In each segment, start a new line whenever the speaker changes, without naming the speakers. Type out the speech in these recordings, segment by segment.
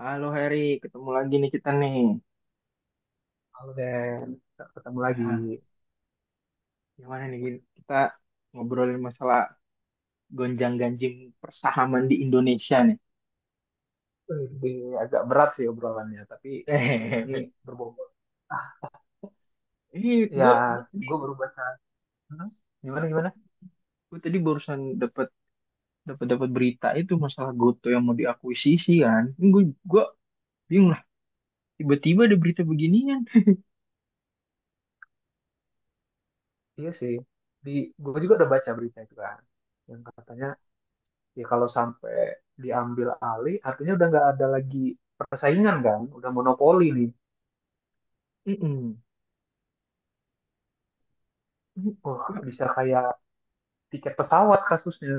Halo Heri, ketemu lagi nih kita nih.
Halo Den, kita ketemu lagi.
Ah, gimana nih Gin? Kita ngobrolin masalah gonjang-ganjing persahaman di Indonesia nih.
Ini agak berat sih obrolannya, tapi ini
Hehehe.
berbobot.
Ini
Ya,
gue gue tadi
gue baru baca. Hmm? Gimana gimana?
gue tadi barusan dapat dapat dapat berita itu masalah GoTo yang mau diakuisisi kan. Gue gue bingung lah. Tiba-tiba ada berita beginian.
Iya sih. Di gue juga udah baca berita itu kan, yang katanya ya kalau sampai diambil alih, artinya udah nggak ada lagi persaingan kan, udah monopoli nih.
Mm-mm.
Wah, bisa kayak tiket pesawat kasusnya.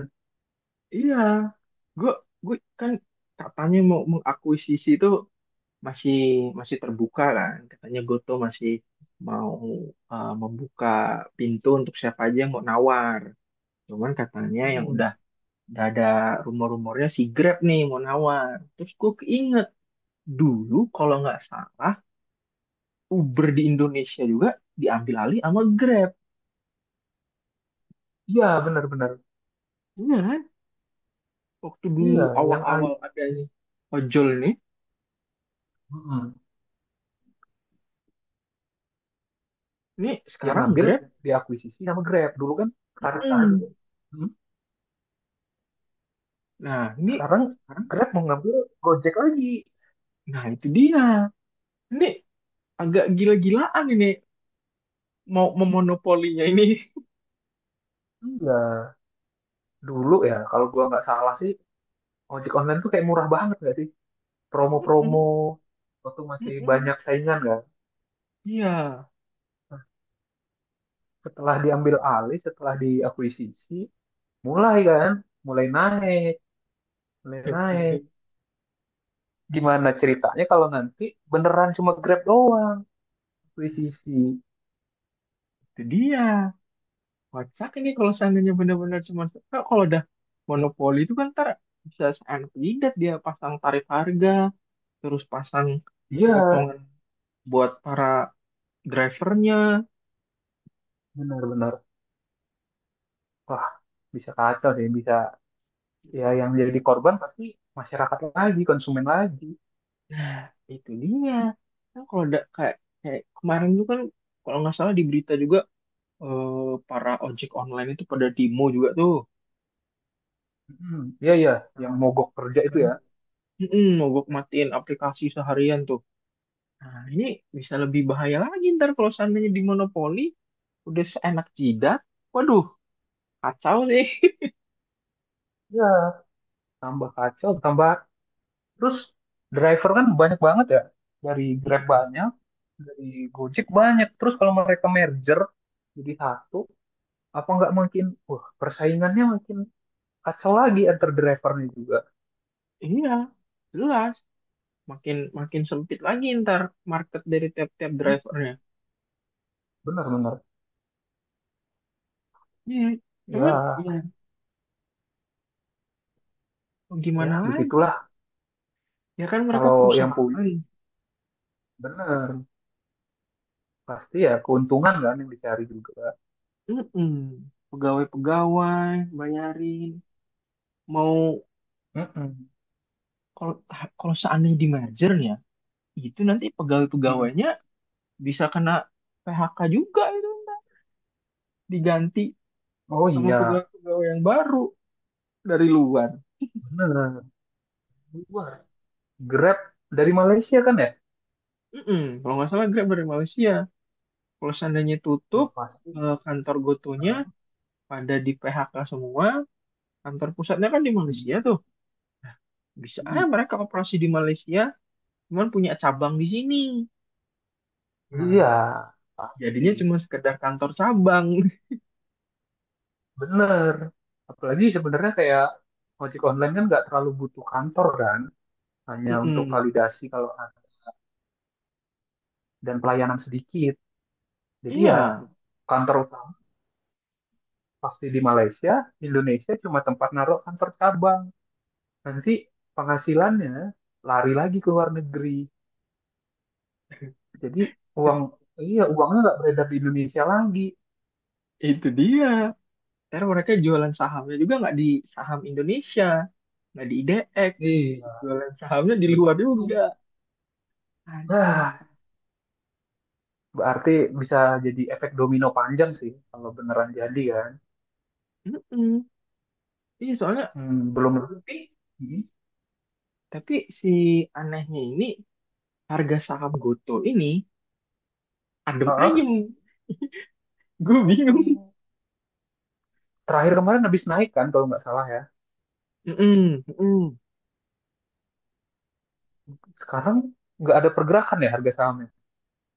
Iya, gue gue kan, katanya mau mengakuisisi itu masih masih terbuka kan. Katanya Goto masih mau membuka pintu untuk siapa aja yang mau nawar. Cuman katanya yang
Hmm.
udah ada rumor-rumornya, si Grab nih mau nawar. Terus gue keinget, dulu kalau nggak salah Uber di Indonesia juga diambil alih sama Grab.
Iya, benar-benar.
Iya kan, waktu dulu
Iya, yang
awal-awal
a-
adanya ojol nih,
Hmm.
ini
Yang
sekarang
ngambil
Grab.
diakuisisi sama Grab. Dulu kan tarik-tarik itu.
hmm.
Hmm?
Nah, ini
Sekarang
sekarang.
Grab mau ngambil Gojek lagi.
Nah, itu dia, ini agak gila-gilaan ini, mau memonopolinya ini.
Iya, dulu ya kalau gua nggak salah sih ojek online tuh kayak murah banget nggak sih? Promo-promo waktu masih banyak saingan kan.
Iya.
Nah, setelah diambil alih, setelah diakuisisi, mulai kan, mulai naik, mulai naik. Gimana ceritanya kalau nanti beneran cuma Grab doang akuisisi?
Itu dia. Kocak ini kalau seandainya benar-benar cuma. Nah, kalau udah monopoli itu kan ntar bisa seanak jidat dia pasang tarif harga, terus pasang
Iya,
potongan buat para drivernya.
benar-benar. Wah, bisa kacau sih, bisa ya yang jadi korban pasti masyarakat lagi, konsumen lagi.
Nah, itu dia. Kan kalau udah kayak kayak kemarin itu kan, kalau nggak salah di berita juga eh, para ojek online itu pada demo juga tuh.
Hmm, iya iya, yang
Nah,
mogok kerja itu
kan?
ya.
Mm-mm, mogok matiin aplikasi seharian tuh. Nah, ini bisa lebih bahaya lagi ntar kalau seandainya di monopoli, udah seenak jidat. Waduh, kacau sih.
Ya, tambah kacau, tambah terus driver kan banyak banget ya. Dari Grab
Mm-mm.
banyak, dari Gojek banyak. Terus kalau mereka merger jadi satu, apa nggak makin wah, persaingannya makin kacau lagi antar drivernya juga.
Iya, jelas. Makin makin sempit lagi ntar market dari tiap-tiap drivernya.
Hmm, benar benar.
Iya, cuman ya
Ya,
mau gimana
ya
lagi?
begitulah
Ya kan mereka
kalau yang punya
perusahaan.
benar pasti ya keuntungan kan yang dicari juga.
Mm-mm. Pegawai-pegawai, bayarin. Mau
Mm-mm,
kalau kalau seandainya di merger ya, itu nanti
mm-mm.
pegawai-pegawainya bisa kena PHK juga, itu diganti
Oh
sama
iya,
pegawai-pegawai yang baru dari luar.
benar. Luar. Grab dari Malaysia kan ya?
Mm-mm. Kalau nggak salah Grab dari Malaysia. Kalau seandainya tutup
Wah, pasti.
kantor Gotonya
Heeh.
pada di PHK semua, kantor pusatnya kan di Malaysia tuh. Bisa aja
Mm.
mereka operasi di Malaysia, cuman punya cabang di sini. Nah,
Iya, pasti.
jadinya cuma sekedar kantor cabang.
Bener. Apalagi sebenarnya kayak ojek online kan nggak terlalu butuh kantor kan, hanya untuk
Mm-mm.
validasi kalau ada dan pelayanan sedikit. Jadi ya
Iya,
kantor utama pasti di Malaysia, Indonesia cuma tempat naruh kantor cabang. Nanti penghasilannya lari lagi ke luar negeri. Jadi uang iya uangnya nggak beredar di Indonesia lagi.
itu dia. Karena mereka jualan sahamnya juga nggak di saham Indonesia, nggak di IDX,
Iya,
jualan sahamnya di luar juga.
betul.
Aduh,
Nah, berarti bisa jadi efek domino panjang sih kalau beneran jadi kan.
mm Ini soalnya,
Hmm, belum.
eh,
Hmm.
tapi si anehnya ini, harga saham Goto ini adem
Heeh.
ayem, gue bingung.
Terakhir kemarin habis naik kan kalau nggak salah ya.
Mm-mm, mm-mm.
Sekarang nggak ada pergerakan ya harga sahamnya.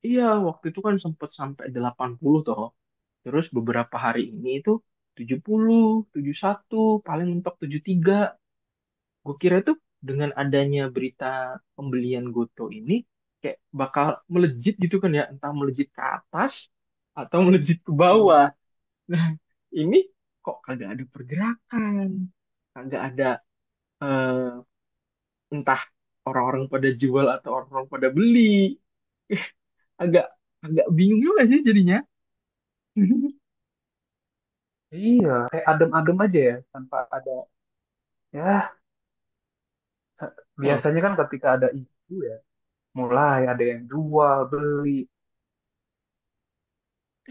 Iya, waktu itu kan sempat sampai 80 toh. Terus beberapa hari ini itu 70, satu, paling mentok 73. Gue kira tuh dengan adanya berita pembelian Goto ini kayak bakal melejit gitu kan ya, entah melejit ke atas atau melejit ke
Hmm.
bawah. Nah, ini kok kagak ada pergerakan, kagak ada eh, entah orang-orang pada jual atau orang-orang pada beli. Agak agak bingung juga sih jadinya.
Iya, kayak adem-adem aja ya tanpa ada. Ya,
Loh,
biasanya kan ketika ada isu ya, mulai ada yang jual beli,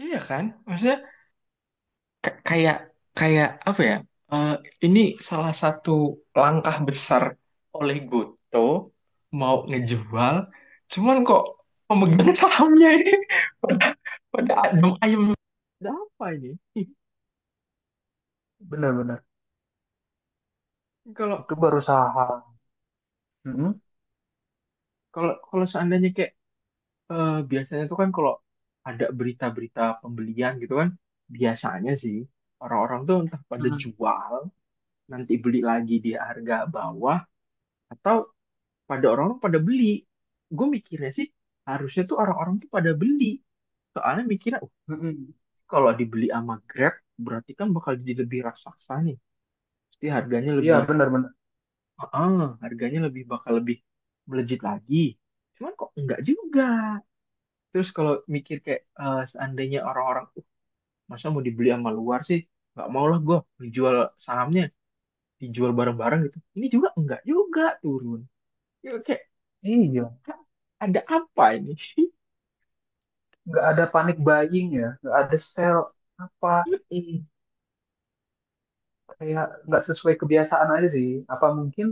iya kan? Maksudnya K- kayak kayak apa ya? Eh, ini salah satu langkah besar oleh Goto mau ngejual, cuman kok pemegang sahamnya ini pada pada adem ayem. Ada apa ini?
benar-benar
Kalau
itu baru saham. Mm-mm.
kalau kalau seandainya kayak, biasanya tuh kan kalau ada berita-berita pembelian gitu kan, biasanya sih orang-orang tuh entah pada
Mm-mm.
jual, nanti beli lagi di harga bawah, atau orang-orang pada beli. Gue mikirnya sih harusnya tuh orang-orang tuh pada beli, soalnya mikirnya oh,
Mm-mm.
kalau dibeli sama Grab berarti kan bakal jadi lebih raksasa nih, pasti harganya
Iya,
lebih.
benar-benar.
Heeh, harganya lebih, bakal lebih melejit lagi, cuman kok enggak juga. Terus kalau mikir kayak seandainya orang-orang, masa mau dibeli sama luar sih, nggak mau lah gue, dijual sahamnya, dijual bareng-bareng gitu, ini juga enggak juga turun, ya kayak,
Iya,
"Hah, ada apa ini?"
nggak ada panic buying ya, nggak ada sell apa. Kayak nggak sesuai kebiasaan aja sih. Apa mungkin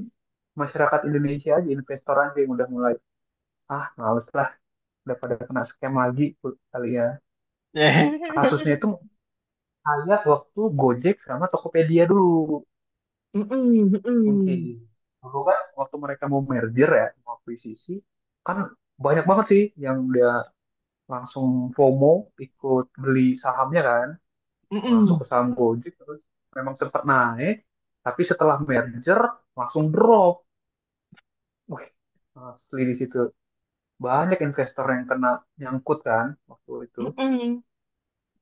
masyarakat Indonesia aja investor aja yang udah mulai ah males lah udah pada kena scam lagi kali ya. Kasusnya
Mm-mm,
itu kayak waktu Gojek sama Tokopedia dulu mungkin.
mm-mm,
Dulu kan waktu mereka mau merger ya, mau akuisisi, kan banyak banget sih yang udah langsung FOMO ikut beli sahamnya kan, masuk
mm-mm,
ke saham Gojek terus memang sempat naik, tapi setelah merger langsung drop. Wih, asli di situ. Banyak investor yang kena nyangkut kan waktu itu.
mm-mm.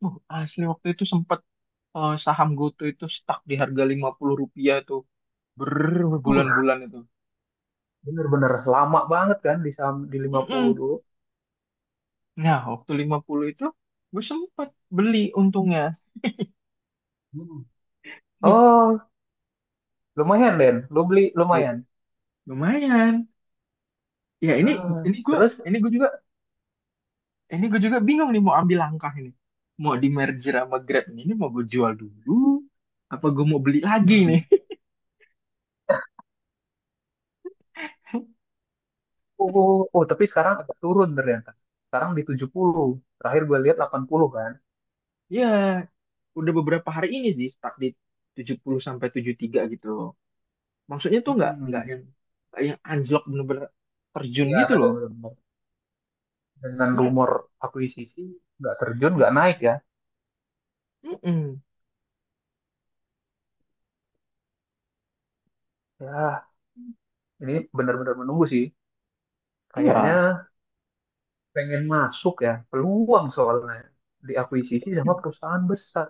Asli waktu itu sempat saham GoTo itu stuck di harga 50 rupiah tuh
Uh,
berbulan-bulan itu.
bener-bener lama banget kan di saham di 50
Mm-mm.
dulu.
Nah, waktu 50 itu gue sempat beli, untungnya.
Hmm. Oh, lumayan Den. Lu beli
Lu-
lumayan.
Lumayan. Ya, ini
Nah,
ini gue,
terus
ini gue juga ini gue juga bingung nih mau ambil langkah ini. Mau di merger sama Grab ini mau gue jual dulu apa gue mau beli lagi
hmm,
nih?
oh, oh, oh, tapi sekarang agak turun ternyata. Sekarang di 70. Terakhir gue lihat 80 kan.
Ya, udah beberapa hari ini sih stuck di 70 sampai 73 gitu loh. Maksudnya tuh, nggak nggak
Hmm,
yang nggak yang anjlok bener-bener terjun
ya
gitu loh.
benar-benar dengan
Iya,
rumor akuisisi nggak terjun nggak naik ya.
mm-mm.
Ya, ini benar-benar menunggu sih. Kayaknya
Iya,
pengen masuk ya peluang soalnya diakuisisi sama
mm.
perusahaan besar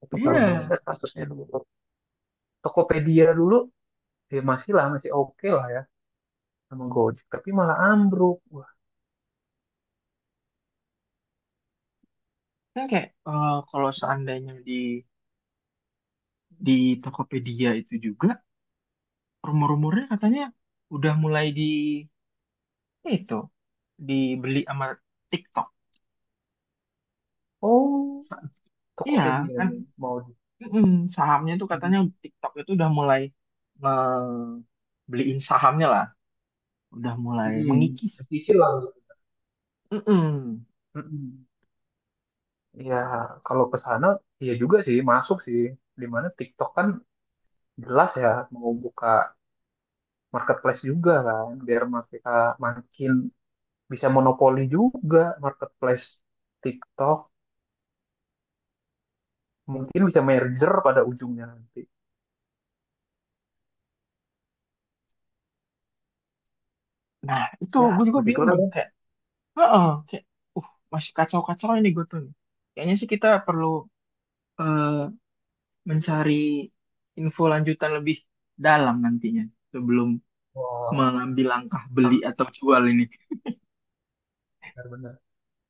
tapi kalau
Iya.
mengingat kasusnya dulu Tokopedia dulu ya masih lah masih oke lah ya sama Gojek tapi malah ambruk wah
Kan kayak kalau
gila.
seandainya di Tokopedia itu juga, rumor-rumornya katanya udah mulai di itu dibeli sama TikTok.
Oh,
Sa- Iya, kan.
Tokopedia-nya mau di
Mm sahamnya tuh
mm
katanya TikTok itu udah mulai nge- beliin sahamnya lah, udah mulai mengikis.
dicicil lah.
Mm-mm.
Mm-mm. Ya kalau ke sana ya juga sih masuk sih dimana TikTok kan jelas ya mau buka marketplace juga kan biar mereka makin bisa monopoli juga marketplace TikTok mungkin bisa merger pada ujungnya nanti
Nah, itu
ya
gue juga bingung
begitulah
tuh.
kan.
Kayak, heeh, kayak, masih kacau-kacau ini gue tuh. Kayaknya sih kita perlu eh, mencari info lanjutan lebih dalam nantinya sebelum
Wow,
mengambil langkah beli
am-
atau jual ini.
benar-benar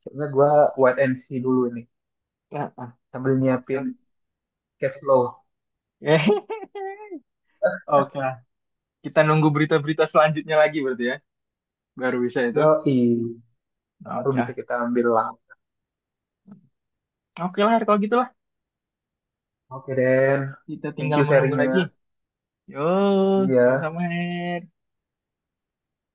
kayaknya gue wait and see dulu ini
Heeh.
sambil nyiapin
Oke.
cash flow.
Oke lah. Kita nunggu berita-berita selanjutnya lagi berarti ya. Baru bisa itu.
Yoi, baru
Oke
bisa
lah.
kita ambil lah.
Oke lah, Her, kalau gitu lah.
Oke Den,
Kita
thank
tinggal
you
menunggu
sharingnya.
lagi. Yo,
Iya.
sama-sama, Her.